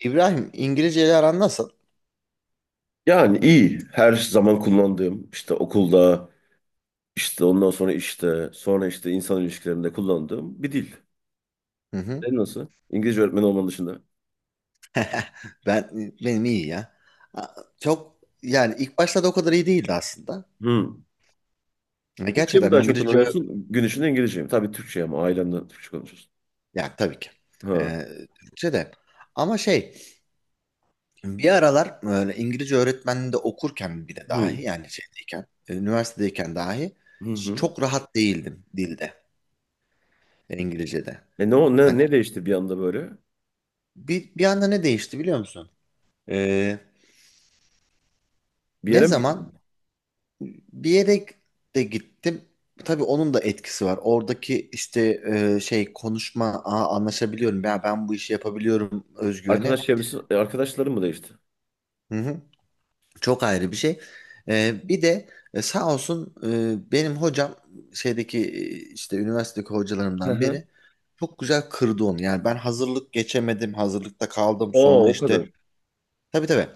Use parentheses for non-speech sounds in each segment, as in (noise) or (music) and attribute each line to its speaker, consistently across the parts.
Speaker 1: İbrahim, İngilizce ile aran nasıl?
Speaker 2: Yani iyi. Her zaman kullandığım işte okulda işte ondan sonra işte sonra işte insan ilişkilerinde kullandığım bir dil.
Speaker 1: Hı hı.
Speaker 2: Senin nasıl? İngilizce öğretmeni olman dışında.
Speaker 1: (laughs) Ben benim iyi ya. Çok, yani ilk başlarda o kadar iyi değildi aslında.
Speaker 2: Hmm.
Speaker 1: Ya
Speaker 2: Türkçe mi
Speaker 1: Gerçekten
Speaker 2: daha çok
Speaker 1: İngilizce
Speaker 2: kullanıyorsun? Gün içinde İngilizce mi? Tabii Türkçe ama ailemden Türkçe konuşuyorsun.
Speaker 1: Ya, tabii ki.
Speaker 2: Ha.
Speaker 1: Ee, Türkçe de. Ama şey, bir aralar böyle İngilizce öğretmenliğinde okurken bile, dahi
Speaker 2: Hmm.
Speaker 1: yani şeydeyken, üniversitedeyken dahi
Speaker 2: Hı hı.
Speaker 1: çok rahat değildim dilde, İngilizce'de.
Speaker 2: E ne, o-
Speaker 1: Hani
Speaker 2: ne, ne değişti bir anda böyle?
Speaker 1: bir anda ne değişti biliyor musun? Ee,
Speaker 2: Bir
Speaker 1: Ne
Speaker 2: yere mi
Speaker 1: zaman.
Speaker 2: gittin?
Speaker 1: Bir yere de gittim. Tabii onun da etkisi var. Oradaki işte, şey, konuşma, Aa, anlaşabiliyorum, ya ben bu işi yapabiliyorum özgüveni.
Speaker 2: Arkadaş çevresi, arkadaşların mı değişti?
Speaker 1: Hı hı. Çok ayrı bir şey. Bir de, sağ olsun, benim hocam, şeydeki e, işte üniversitedeki
Speaker 2: Hı
Speaker 1: hocalarımdan
Speaker 2: hı.
Speaker 1: biri çok güzel kırdı onu. Yani ben hazırlık geçemedim, hazırlıkta kaldım.
Speaker 2: Aa,
Speaker 1: Sonra
Speaker 2: o kadar.
Speaker 1: işte, tabii tabii.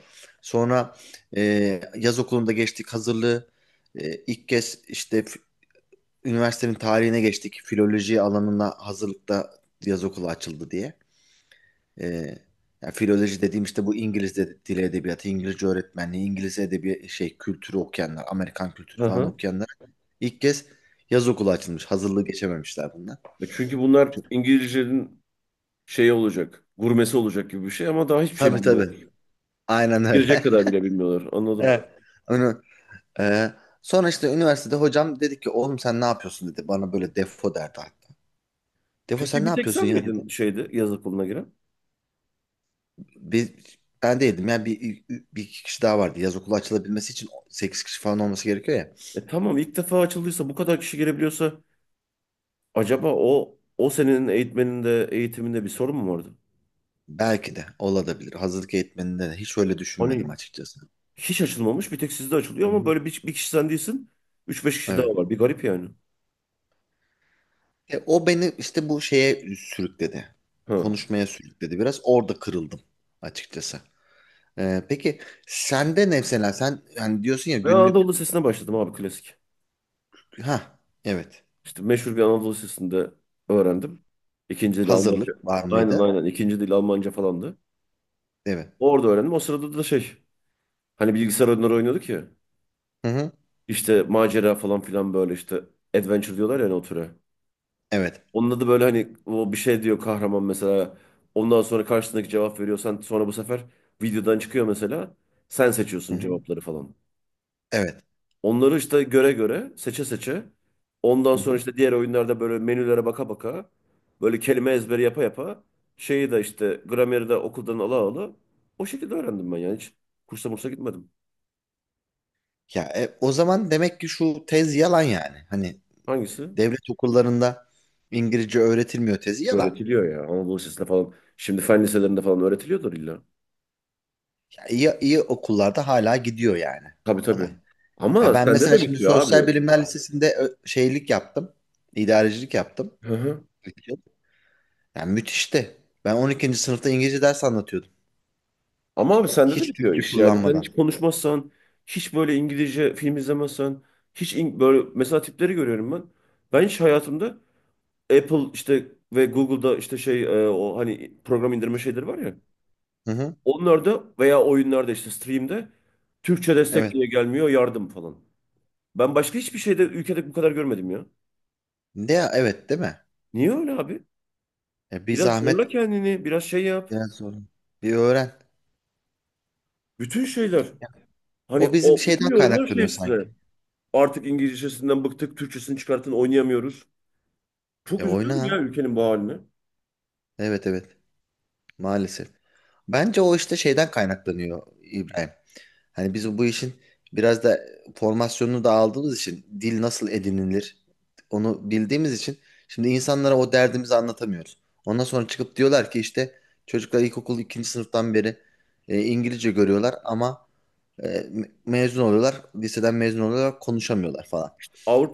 Speaker 1: Sonra e, yaz okulunda geçtik hazırlığı. İlk kez işte üniversitenin tarihine geçtik. Filoloji alanına hazırlıkta yaz okulu açıldı diye. Ee, Yani filoloji dediğim işte bu İngiliz dili edebiyatı, İngilizce öğretmenliği, İngiliz edebi şey kültürü okuyanlar, Amerikan kültürü
Speaker 2: Hı
Speaker 1: falan
Speaker 2: hı.
Speaker 1: okuyanlar ilk kez yaz okulu açılmış. Hazırlığı geçememişler bundan.
Speaker 2: E çünkü bunlar İngilizcenin şeyi olacak, gurmesi olacak gibi bir şey ama daha hiçbir şey
Speaker 1: Tabii
Speaker 2: bilmiyor.
Speaker 1: tabii. Aynen
Speaker 2: Girecek
Speaker 1: öyle.
Speaker 2: kadar
Speaker 1: (laughs)
Speaker 2: bile bilmiyorlar. Anladım.
Speaker 1: Evet. Onu, e, sonra işte üniversitede hocam dedi ki, oğlum sen ne yapıyorsun dedi. Bana böyle defo derdi hatta. Defo
Speaker 2: Peki
Speaker 1: sen ne
Speaker 2: bir tek
Speaker 1: yapıyorsun
Speaker 2: sen
Speaker 1: ya dedi.
Speaker 2: miydin şeyde yaz okuluna giren?
Speaker 1: Biz, ben değildim. Yani bir iki kişi daha vardı. Yaz okulu açılabilmesi için 8 kişi falan olması gerekiyor ya.
Speaker 2: E tamam, ilk defa açıldıysa bu kadar kişi girebiliyorsa acaba o senenin eğitmeninde eğitiminde bir sorun mu vardı?
Speaker 1: Belki de olabilir. Hazırlık eğitmeninde de hiç öyle
Speaker 2: Hani
Speaker 1: düşünmedim açıkçası.
Speaker 2: hiç açılmamış, bir tek sizde açılıyor
Speaker 1: Hı
Speaker 2: ama
Speaker 1: hı.
Speaker 2: böyle bir kişi sen değilsin. Üç beş kişi daha
Speaker 1: Evet.
Speaker 2: var. Bir garip yani.
Speaker 1: O beni işte bu şeye sürükledi.
Speaker 2: Ha.
Speaker 1: Konuşmaya sürükledi biraz. Orada kırıldım açıkçası. Peki sende ne, mesela sen hani diyorsun ya
Speaker 2: Ben
Speaker 1: günlük.
Speaker 2: Anadolu Lisesi'ne başladım abi, klasik.
Speaker 1: Ha, evet.
Speaker 2: İşte meşhur bir Anadolu Lisesi'nde öğrendim. İkinci dil Almanca.
Speaker 1: Hazırlık var
Speaker 2: Aynen,
Speaker 1: mıydı?
Speaker 2: aynen. İkinci dil Almanca falandı.
Speaker 1: Evet.
Speaker 2: Orada öğrendim. O sırada da şey. Hani bilgisayar oyunları oynuyorduk ya.
Speaker 1: Hı hı.
Speaker 2: İşte macera falan filan, böyle işte adventure diyorlar ya hani o türe.
Speaker 1: Evet.
Speaker 2: Onun adı böyle, hani o bir şey diyor kahraman mesela. Ondan sonra karşısındaki cevap veriyor. Sen sonra bu sefer videodan çıkıyor mesela. Sen
Speaker 1: Hı
Speaker 2: seçiyorsun
Speaker 1: hı.
Speaker 2: cevapları falan.
Speaker 1: Evet.
Speaker 2: Onları işte göre göre, seçe seçe. Ondan sonra işte diğer oyunlarda böyle menülere baka baka. Böyle kelime ezberi yapa yapa. Şeyi de işte, grameri de okuldan ala ala. O şekilde öğrendim ben, yani hiç kursa mursa gitmedim.
Speaker 1: Ya, o zaman demek ki şu tez yalan yani. Hani
Speaker 2: Hangisi?
Speaker 1: devlet okullarında İngilizce öğretilmiyor tezi yalan.
Speaker 2: Öğretiliyor ya. Anadolu Lisesi'nde falan. Şimdi fen liselerinde falan öğretiliyordur illa.
Speaker 1: Ya, iyi, iyi okullarda hala gidiyor yani
Speaker 2: Tabii, tabii.
Speaker 1: olay. Ya
Speaker 2: Ama
Speaker 1: ben
Speaker 2: sende
Speaker 1: mesela
Speaker 2: de
Speaker 1: şimdi
Speaker 2: bitiyor
Speaker 1: Sosyal
Speaker 2: abi.
Speaker 1: Bilimler Lisesi'nde şeylik yaptım. İdarecilik yaptım.
Speaker 2: Hı hı.
Speaker 1: 2 yıl. Yani müthişti. Ben 12. sınıfta İngilizce ders anlatıyordum.
Speaker 2: Ama abi sende de
Speaker 1: Hiç
Speaker 2: bitiyor
Speaker 1: Türkçe
Speaker 2: iş yani. Sen
Speaker 1: kullanmadan.
Speaker 2: hiç konuşmazsan, hiç böyle İngilizce film izlemezsen, böyle mesela tipleri görüyorum ben. Ben hiç hayatımda Apple işte ve Google'da işte şey, o hani program indirme şeyleri var ya.
Speaker 1: Hı hı.
Speaker 2: Onlarda veya oyunlarda işte stream'de Türkçe destek
Speaker 1: Evet.
Speaker 2: niye gelmiyor yardım falan. Ben başka hiçbir şeyde, ülkede bu kadar görmedim ya.
Speaker 1: Ne ya, evet değil mi?
Speaker 2: Niye öyle abi?
Speaker 1: Bir
Speaker 2: Biraz zorla
Speaker 1: zahmet
Speaker 2: kendini, biraz şey yap.
Speaker 1: biraz zor. Bir öğren.
Speaker 2: Bütün şeyler. Hani
Speaker 1: O bizim
Speaker 2: o bütün
Speaker 1: şeyden
Speaker 2: yorumlar şey
Speaker 1: kaynaklanıyor
Speaker 2: üstüne.
Speaker 1: sanki.
Speaker 2: Artık İngilizcesinden bıktık, Türkçesini çıkartın, oynayamıyoruz. Çok
Speaker 1: E
Speaker 2: üzülüyorum
Speaker 1: oyna.
Speaker 2: ya ülkenin bu haline.
Speaker 1: Evet, evet. Maalesef. Bence o işte şeyden kaynaklanıyor, İbrahim. Hani biz bu işin biraz da formasyonunu da aldığımız için, dil nasıl edinilir onu bildiğimiz için, şimdi insanlara o derdimizi anlatamıyoruz. Ondan sonra çıkıp diyorlar ki işte, çocuklar ilkokul ikinci sınıftan beri İngilizce görüyorlar ama, e, mezun oluyorlar, liseden mezun oluyorlar, konuşamıyorlar falan.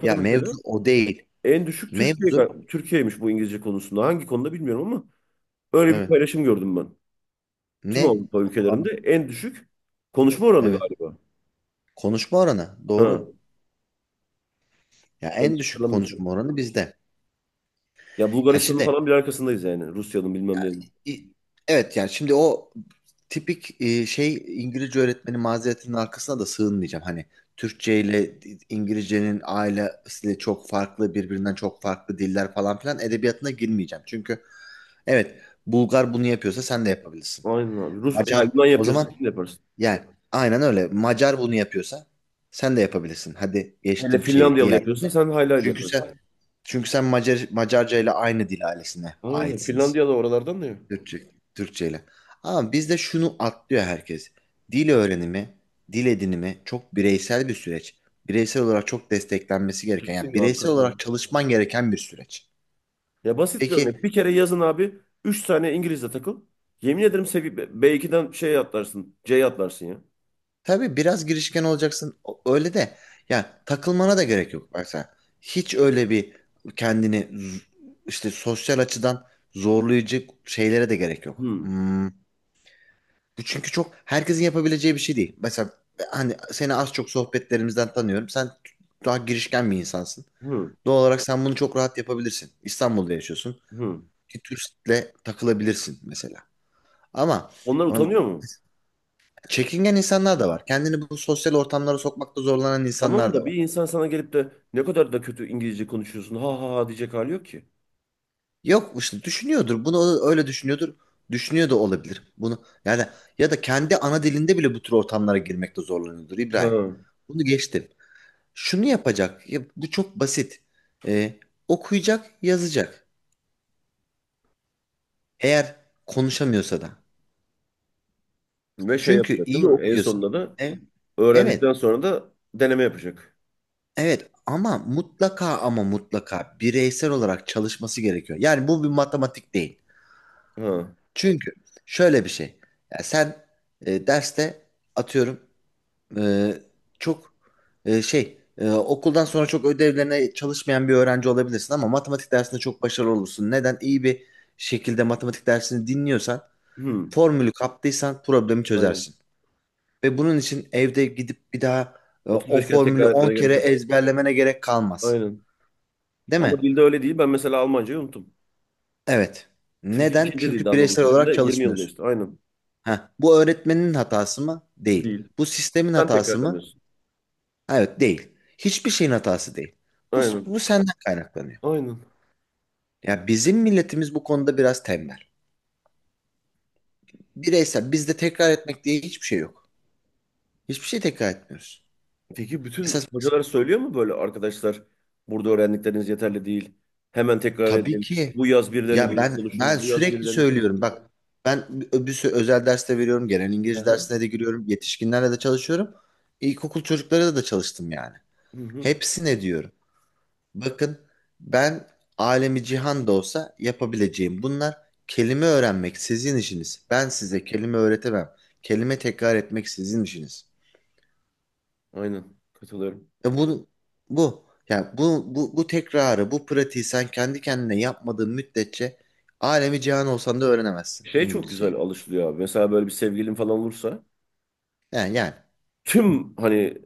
Speaker 1: Ya mevzu
Speaker 2: mesela
Speaker 1: o değil.
Speaker 2: en düşük Türkiye
Speaker 1: Mevzu.
Speaker 2: Türkiye'ymiş bu İngilizce konusunda. Hangi konuda bilmiyorum ama öyle bir
Speaker 1: Evet,
Speaker 2: paylaşım gördüm ben. Tüm
Speaker 1: ne?
Speaker 2: Avrupa ülkelerinde en düşük konuşma oranı
Speaker 1: Evet.
Speaker 2: galiba.
Speaker 1: Konuşma oranı
Speaker 2: Ha,
Speaker 1: doğru. Ya en
Speaker 2: yanlış
Speaker 1: düşük
Speaker 2: hatırlamıyorsun.
Speaker 1: konuşma oranı bizde.
Speaker 2: Ya
Speaker 1: Ya
Speaker 2: Bulgaristan'ın
Speaker 1: şimdi,
Speaker 2: falan bir arkasındayız yani. Rusya'nın bilmem ne.
Speaker 1: i- evet yani şimdi o tipik İngilizce öğretmeni mazeretinin arkasına da sığınmayacağım. Hani Türkçe ile İngilizcenin ailesiyle çok farklı, birbirinden çok farklı diller falan filan edebiyatına girmeyeceğim. Çünkü, evet, Bulgar bunu yapıyorsa sen de yapabilirsin.
Speaker 2: Aynen abi. Rus, yani
Speaker 1: Macar
Speaker 2: Yunan
Speaker 1: o
Speaker 2: yapıyorsa
Speaker 1: zaman,
Speaker 2: sen de yaparsın.
Speaker 1: yani aynen öyle. Macar bunu yapıyorsa sen de yapabilirsin. Hadi
Speaker 2: Hele
Speaker 1: geçtim şeyi
Speaker 2: Finlandiyalı yapıyorsa
Speaker 1: diğerlerine.
Speaker 2: sen haylayla
Speaker 1: Çünkü
Speaker 2: yaparsın.
Speaker 1: sen Çünkü sen Macar, Macarca ile aynı dil ailesine
Speaker 2: Aynen.
Speaker 1: aitsiniz.
Speaker 2: Finlandiya da oralardan da ya.
Speaker 1: Türkçe, Türkçe ile. Ama bizde şunu atlıyor herkes. Dil öğrenimi, dil edinimi çok bireysel bir süreç. Bireysel olarak çok desteklenmesi gereken, yani
Speaker 2: Kesin abi,
Speaker 1: bireysel olarak
Speaker 2: katılıyorum.
Speaker 1: çalışman gereken bir süreç.
Speaker 2: Ya basit bir
Speaker 1: Peki,
Speaker 2: örnek. Bir kere yazın abi. Üç tane İngiliz'le takıl. Yemin ederim B2'den şey atlarsın. C'ye atlarsın ya.
Speaker 1: tabii biraz girişken olacaksın, öyle de yani takılmana da gerek yok. Bak sen hiç öyle bir kendini işte sosyal açıdan zorlayıcı şeylere de gerek yok.
Speaker 2: Hı.
Speaker 1: Bu çünkü çok herkesin yapabileceği bir şey değil. Mesela hani seni az çok sohbetlerimizden tanıyorum. Sen daha girişken bir insansın.
Speaker 2: Hı.
Speaker 1: Doğal olarak sen bunu çok rahat yapabilirsin. İstanbul'da yaşıyorsun.
Speaker 2: Hı.
Speaker 1: Bir turistle takılabilirsin mesela. Ama,
Speaker 2: Onlar
Speaker 1: ama
Speaker 2: utanıyor mu?
Speaker 1: çekingen insanlar da var. Kendini bu sosyal ortamlara sokmakta zorlanan
Speaker 2: Tamam
Speaker 1: insanlar da
Speaker 2: da bir
Speaker 1: var.
Speaker 2: insan sana gelip de ne kadar da kötü İngilizce konuşuyorsun ha ha ha diyecek hali yok ki.
Speaker 1: Yok işte, düşünüyordur. Bunu öyle düşünüyordur. Düşünüyor da olabilir. Bunu yani, ya da kendi ana dilinde bile bu tür ortamlara girmekte zorlanıyordur, İbrahim.
Speaker 2: Ha.
Speaker 1: Bunu geçtim. Şunu yapacak. Ya bu çok basit. Ee, Okuyacak, yazacak. Eğer konuşamıyorsa da.
Speaker 2: Ve şey
Speaker 1: Çünkü
Speaker 2: yapacak değil
Speaker 1: iyi
Speaker 2: mi? En
Speaker 1: okuyorsa.
Speaker 2: sonunda da
Speaker 1: E-
Speaker 2: öğrendikten
Speaker 1: evet,
Speaker 2: sonra da deneme yapacak.
Speaker 1: evet. Ama mutlaka, ama mutlaka bireysel olarak çalışması gerekiyor. Yani bu bir matematik değil.
Speaker 2: Ha.
Speaker 1: Çünkü şöyle bir şey. Ya sen derste, atıyorum, Ee, çok e, şey e, okuldan sonra çok ödevlerine çalışmayan bir öğrenci olabilirsin ama matematik dersinde çok başarılı olursun. Neden? İyi bir şekilde matematik dersini dinliyorsan,
Speaker 2: Hı.
Speaker 1: formülü kaptıysan problemi
Speaker 2: Aynen.
Speaker 1: çözersin. Ve bunun için evde gidip bir daha o
Speaker 2: 35 kere
Speaker 1: formülü
Speaker 2: tekrar
Speaker 1: 10
Speaker 2: etmene gerek
Speaker 1: kere
Speaker 2: yok.
Speaker 1: ezberlemene gerek kalmaz.
Speaker 2: Aynen.
Speaker 1: Değil
Speaker 2: Ama
Speaker 1: mi?
Speaker 2: dilde öyle değil. Ben mesela Almancayı unuttum.
Speaker 1: Evet.
Speaker 2: Çünkü
Speaker 1: Neden?
Speaker 2: ikinci
Speaker 1: Çünkü
Speaker 2: dilde Anadolu
Speaker 1: bireysel
Speaker 2: Sesi'nde
Speaker 1: olarak
Speaker 2: 20 yıl
Speaker 1: çalışmıyorsun.
Speaker 2: geçti. Aynen.
Speaker 1: Heh, bu öğretmenin hatası mı? Değil.
Speaker 2: Değil.
Speaker 1: Bu sistemin
Speaker 2: Sen
Speaker 1: hatası mı?
Speaker 2: tekrarlamıyorsun.
Speaker 1: Evet, değil. Hiçbir şeyin hatası değil. Bu,
Speaker 2: Aynen.
Speaker 1: bu senden kaynaklanıyor.
Speaker 2: Aynen.
Speaker 1: Ya bizim milletimiz bu konuda biraz tembel. Bireysel, bizde tekrar etmek diye hiçbir şey yok. Hiçbir şey tekrar etmiyoruz.
Speaker 2: Peki
Speaker 1: Mesela
Speaker 2: bütün
Speaker 1: biz-
Speaker 2: hocalar söylüyor mu böyle, arkadaşlar burada öğrendikleriniz yeterli değil, hemen tekrar
Speaker 1: tabii
Speaker 2: edin,
Speaker 1: ki.
Speaker 2: bu yaz birilerini
Speaker 1: Ya
Speaker 2: burada
Speaker 1: ben
Speaker 2: konuşun, bu yaz
Speaker 1: sürekli
Speaker 2: birilerini konuşun.
Speaker 1: söylüyorum, bak, ben bir sürü özel derste veriyorum. Genel
Speaker 2: Hı
Speaker 1: İngilizce
Speaker 2: hı.
Speaker 1: dersine de giriyorum. Yetişkinlerle de çalışıyorum. İlkokul çocuklarıyla da çalıştım yani.
Speaker 2: Hı hı.
Speaker 1: Hepsine diyorum, bakın, ben alemi cihan da olsa yapabileceğim bunlar, kelime öğrenmek sizin işiniz. Ben size kelime öğretemem. Kelime tekrar etmek sizin işiniz.
Speaker 2: Aynen. Katılıyorum.
Speaker 1: E bu bu tekrarı, bu pratiği sen kendi kendine yapmadığın müddetçe alemi cihan olsan da öğrenemezsin
Speaker 2: Şey çok güzel
Speaker 1: İngilizceyi.
Speaker 2: alışılıyor abi. Mesela böyle bir sevgilin falan olursa
Speaker 1: Yani
Speaker 2: tüm hani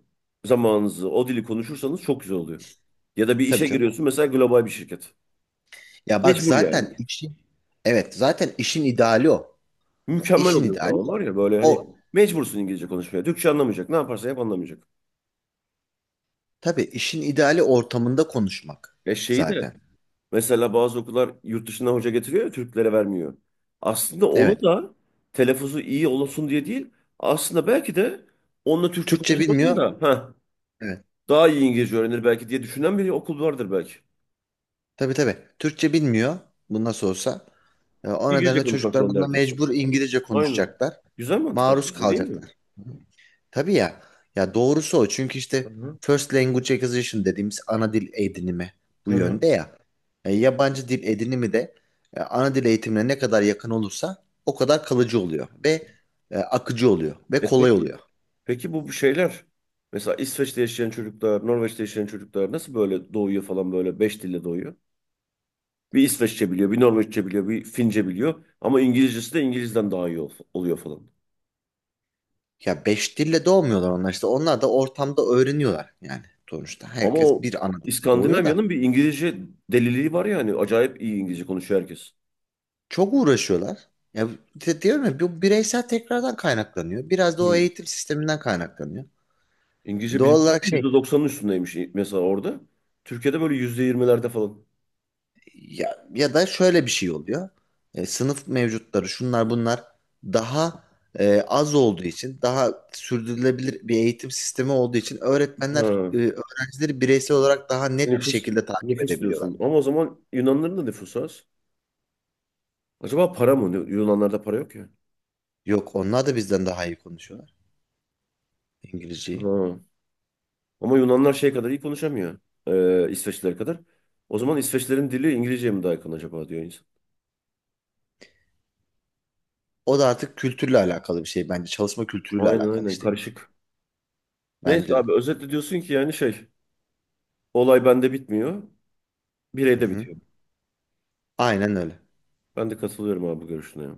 Speaker 2: zamanınızı o dili konuşursanız çok güzel oluyor. Ya da bir
Speaker 1: tabii
Speaker 2: işe
Speaker 1: canım.
Speaker 2: giriyorsun mesela, global bir şirket.
Speaker 1: Ya bak
Speaker 2: Mecbur yani.
Speaker 1: zaten işin Evet, zaten işin ideali o.
Speaker 2: Mükemmel
Speaker 1: İşin
Speaker 2: oluyor o
Speaker 1: ideali
Speaker 2: zaman
Speaker 1: o.
Speaker 2: var ya, böyle hani
Speaker 1: O,
Speaker 2: mecbursun İngilizce konuşmaya. Türkçe anlamayacak. Ne yaparsa yap anlamayacak.
Speaker 1: tabii işin ideali ortamında konuşmak
Speaker 2: Ya şeyi de
Speaker 1: zaten.
Speaker 2: mesela bazı okullar yurt dışından hoca getiriyor ya, Türklere vermiyor. Aslında onu
Speaker 1: Evet.
Speaker 2: da telaffuzu iyi olsun diye değil. Aslında belki de onunla Türkçe
Speaker 1: Türkçe
Speaker 2: konuşmasın
Speaker 1: bilmiyor.
Speaker 2: da,
Speaker 1: Evet.
Speaker 2: daha iyi İngilizce öğrenir belki diye düşünen bir okul vardır belki.
Speaker 1: Tabii tabii. Türkçe bilmiyor. Bu nasıl olsa. O
Speaker 2: İngilizce
Speaker 1: nedenle
Speaker 2: konuşmak
Speaker 1: çocuklar
Speaker 2: zorunda
Speaker 1: bununla
Speaker 2: herkes.
Speaker 1: mecbur İngilizce
Speaker 2: Aynen.
Speaker 1: konuşacaklar.
Speaker 2: Güzel mantık
Speaker 1: Maruz
Speaker 2: aslında, bu değil mi?
Speaker 1: kalacaklar. Tabii ya. Ya doğrusu o. Çünkü işte
Speaker 2: Hı hı.
Speaker 1: first language acquisition dediğimiz ana dil edinimi bu
Speaker 2: Hı hı.
Speaker 1: yönde ya. Yabancı dil edinimi de ana dil eğitimine ne kadar yakın olursa o kadar kalıcı oluyor ve akıcı oluyor ve
Speaker 2: E
Speaker 1: kolay
Speaker 2: peki
Speaker 1: oluyor.
Speaker 2: Peki bu şeyler, mesela İsveç'te yaşayan çocuklar, Norveç'te yaşayan çocuklar nasıl böyle doğuyor falan, böyle beş dille doğuyor? Bir İsveççe biliyor, bir Norveççe biliyor, bir Fince biliyor ama İngilizcesi de İngiliz'den daha iyi oluyor falan.
Speaker 1: Ya 5 dille doğmuyorlar onlar işte. Onlar da ortamda öğreniyorlar yani, sonuçta.
Speaker 2: Ama
Speaker 1: Herkes
Speaker 2: o
Speaker 1: bir ana dille doğuyor da.
Speaker 2: İskandinavya'nın bir İngilizce deliliği var ya, hani acayip iyi İngilizce konuşuyor herkes.
Speaker 1: Çok uğraşıyorlar. Ya diyorum ya, bu bireysel tekrardan kaynaklanıyor. Biraz da o
Speaker 2: Hı.
Speaker 1: eğitim sisteminden kaynaklanıyor.
Speaker 2: İngilizce
Speaker 1: Doğal
Speaker 2: bilmiyorum
Speaker 1: olarak şey,
Speaker 2: %90'ın üstündeymiş mesela orada. Türkiye'de böyle %20'lerde falan.
Speaker 1: ya, ya da şöyle bir şey oluyor. Sınıf mevcutları, şunlar bunlar daha az olduğu için, daha sürdürülebilir bir eğitim sistemi olduğu için öğretmenler
Speaker 2: Ha.
Speaker 1: öğrencileri bireysel olarak daha net bir
Speaker 2: Nüfus.
Speaker 1: şekilde takip
Speaker 2: Nüfus
Speaker 1: edebiliyorlar.
Speaker 2: diyorsun. Ama o zaman Yunanların da nüfusu az. Acaba para mı? Yunanlarda para yok ya.
Speaker 1: Yok, onlar da bizden daha iyi konuşuyorlar İngilizceyi.
Speaker 2: Ha. Ama Yunanlar şey kadar iyi konuşamıyor. İsveçliler kadar. O zaman İsveçlerin dili İngilizceye mi daha yakın acaba diyor insan.
Speaker 1: O da artık kültürle alakalı bir şey bence. Çalışma kültürüyle
Speaker 2: Aynen,
Speaker 1: alakalı
Speaker 2: aynen,
Speaker 1: işte.
Speaker 2: karışık. Neyse
Speaker 1: Bence de.
Speaker 2: abi, özetle diyorsun ki yani şey, olay bende bitmiyor.
Speaker 1: Hı
Speaker 2: Bireyde
Speaker 1: hı.
Speaker 2: bitiyor.
Speaker 1: Aynen öyle.
Speaker 2: Ben de katılıyorum abi bu görüşüne. Ya.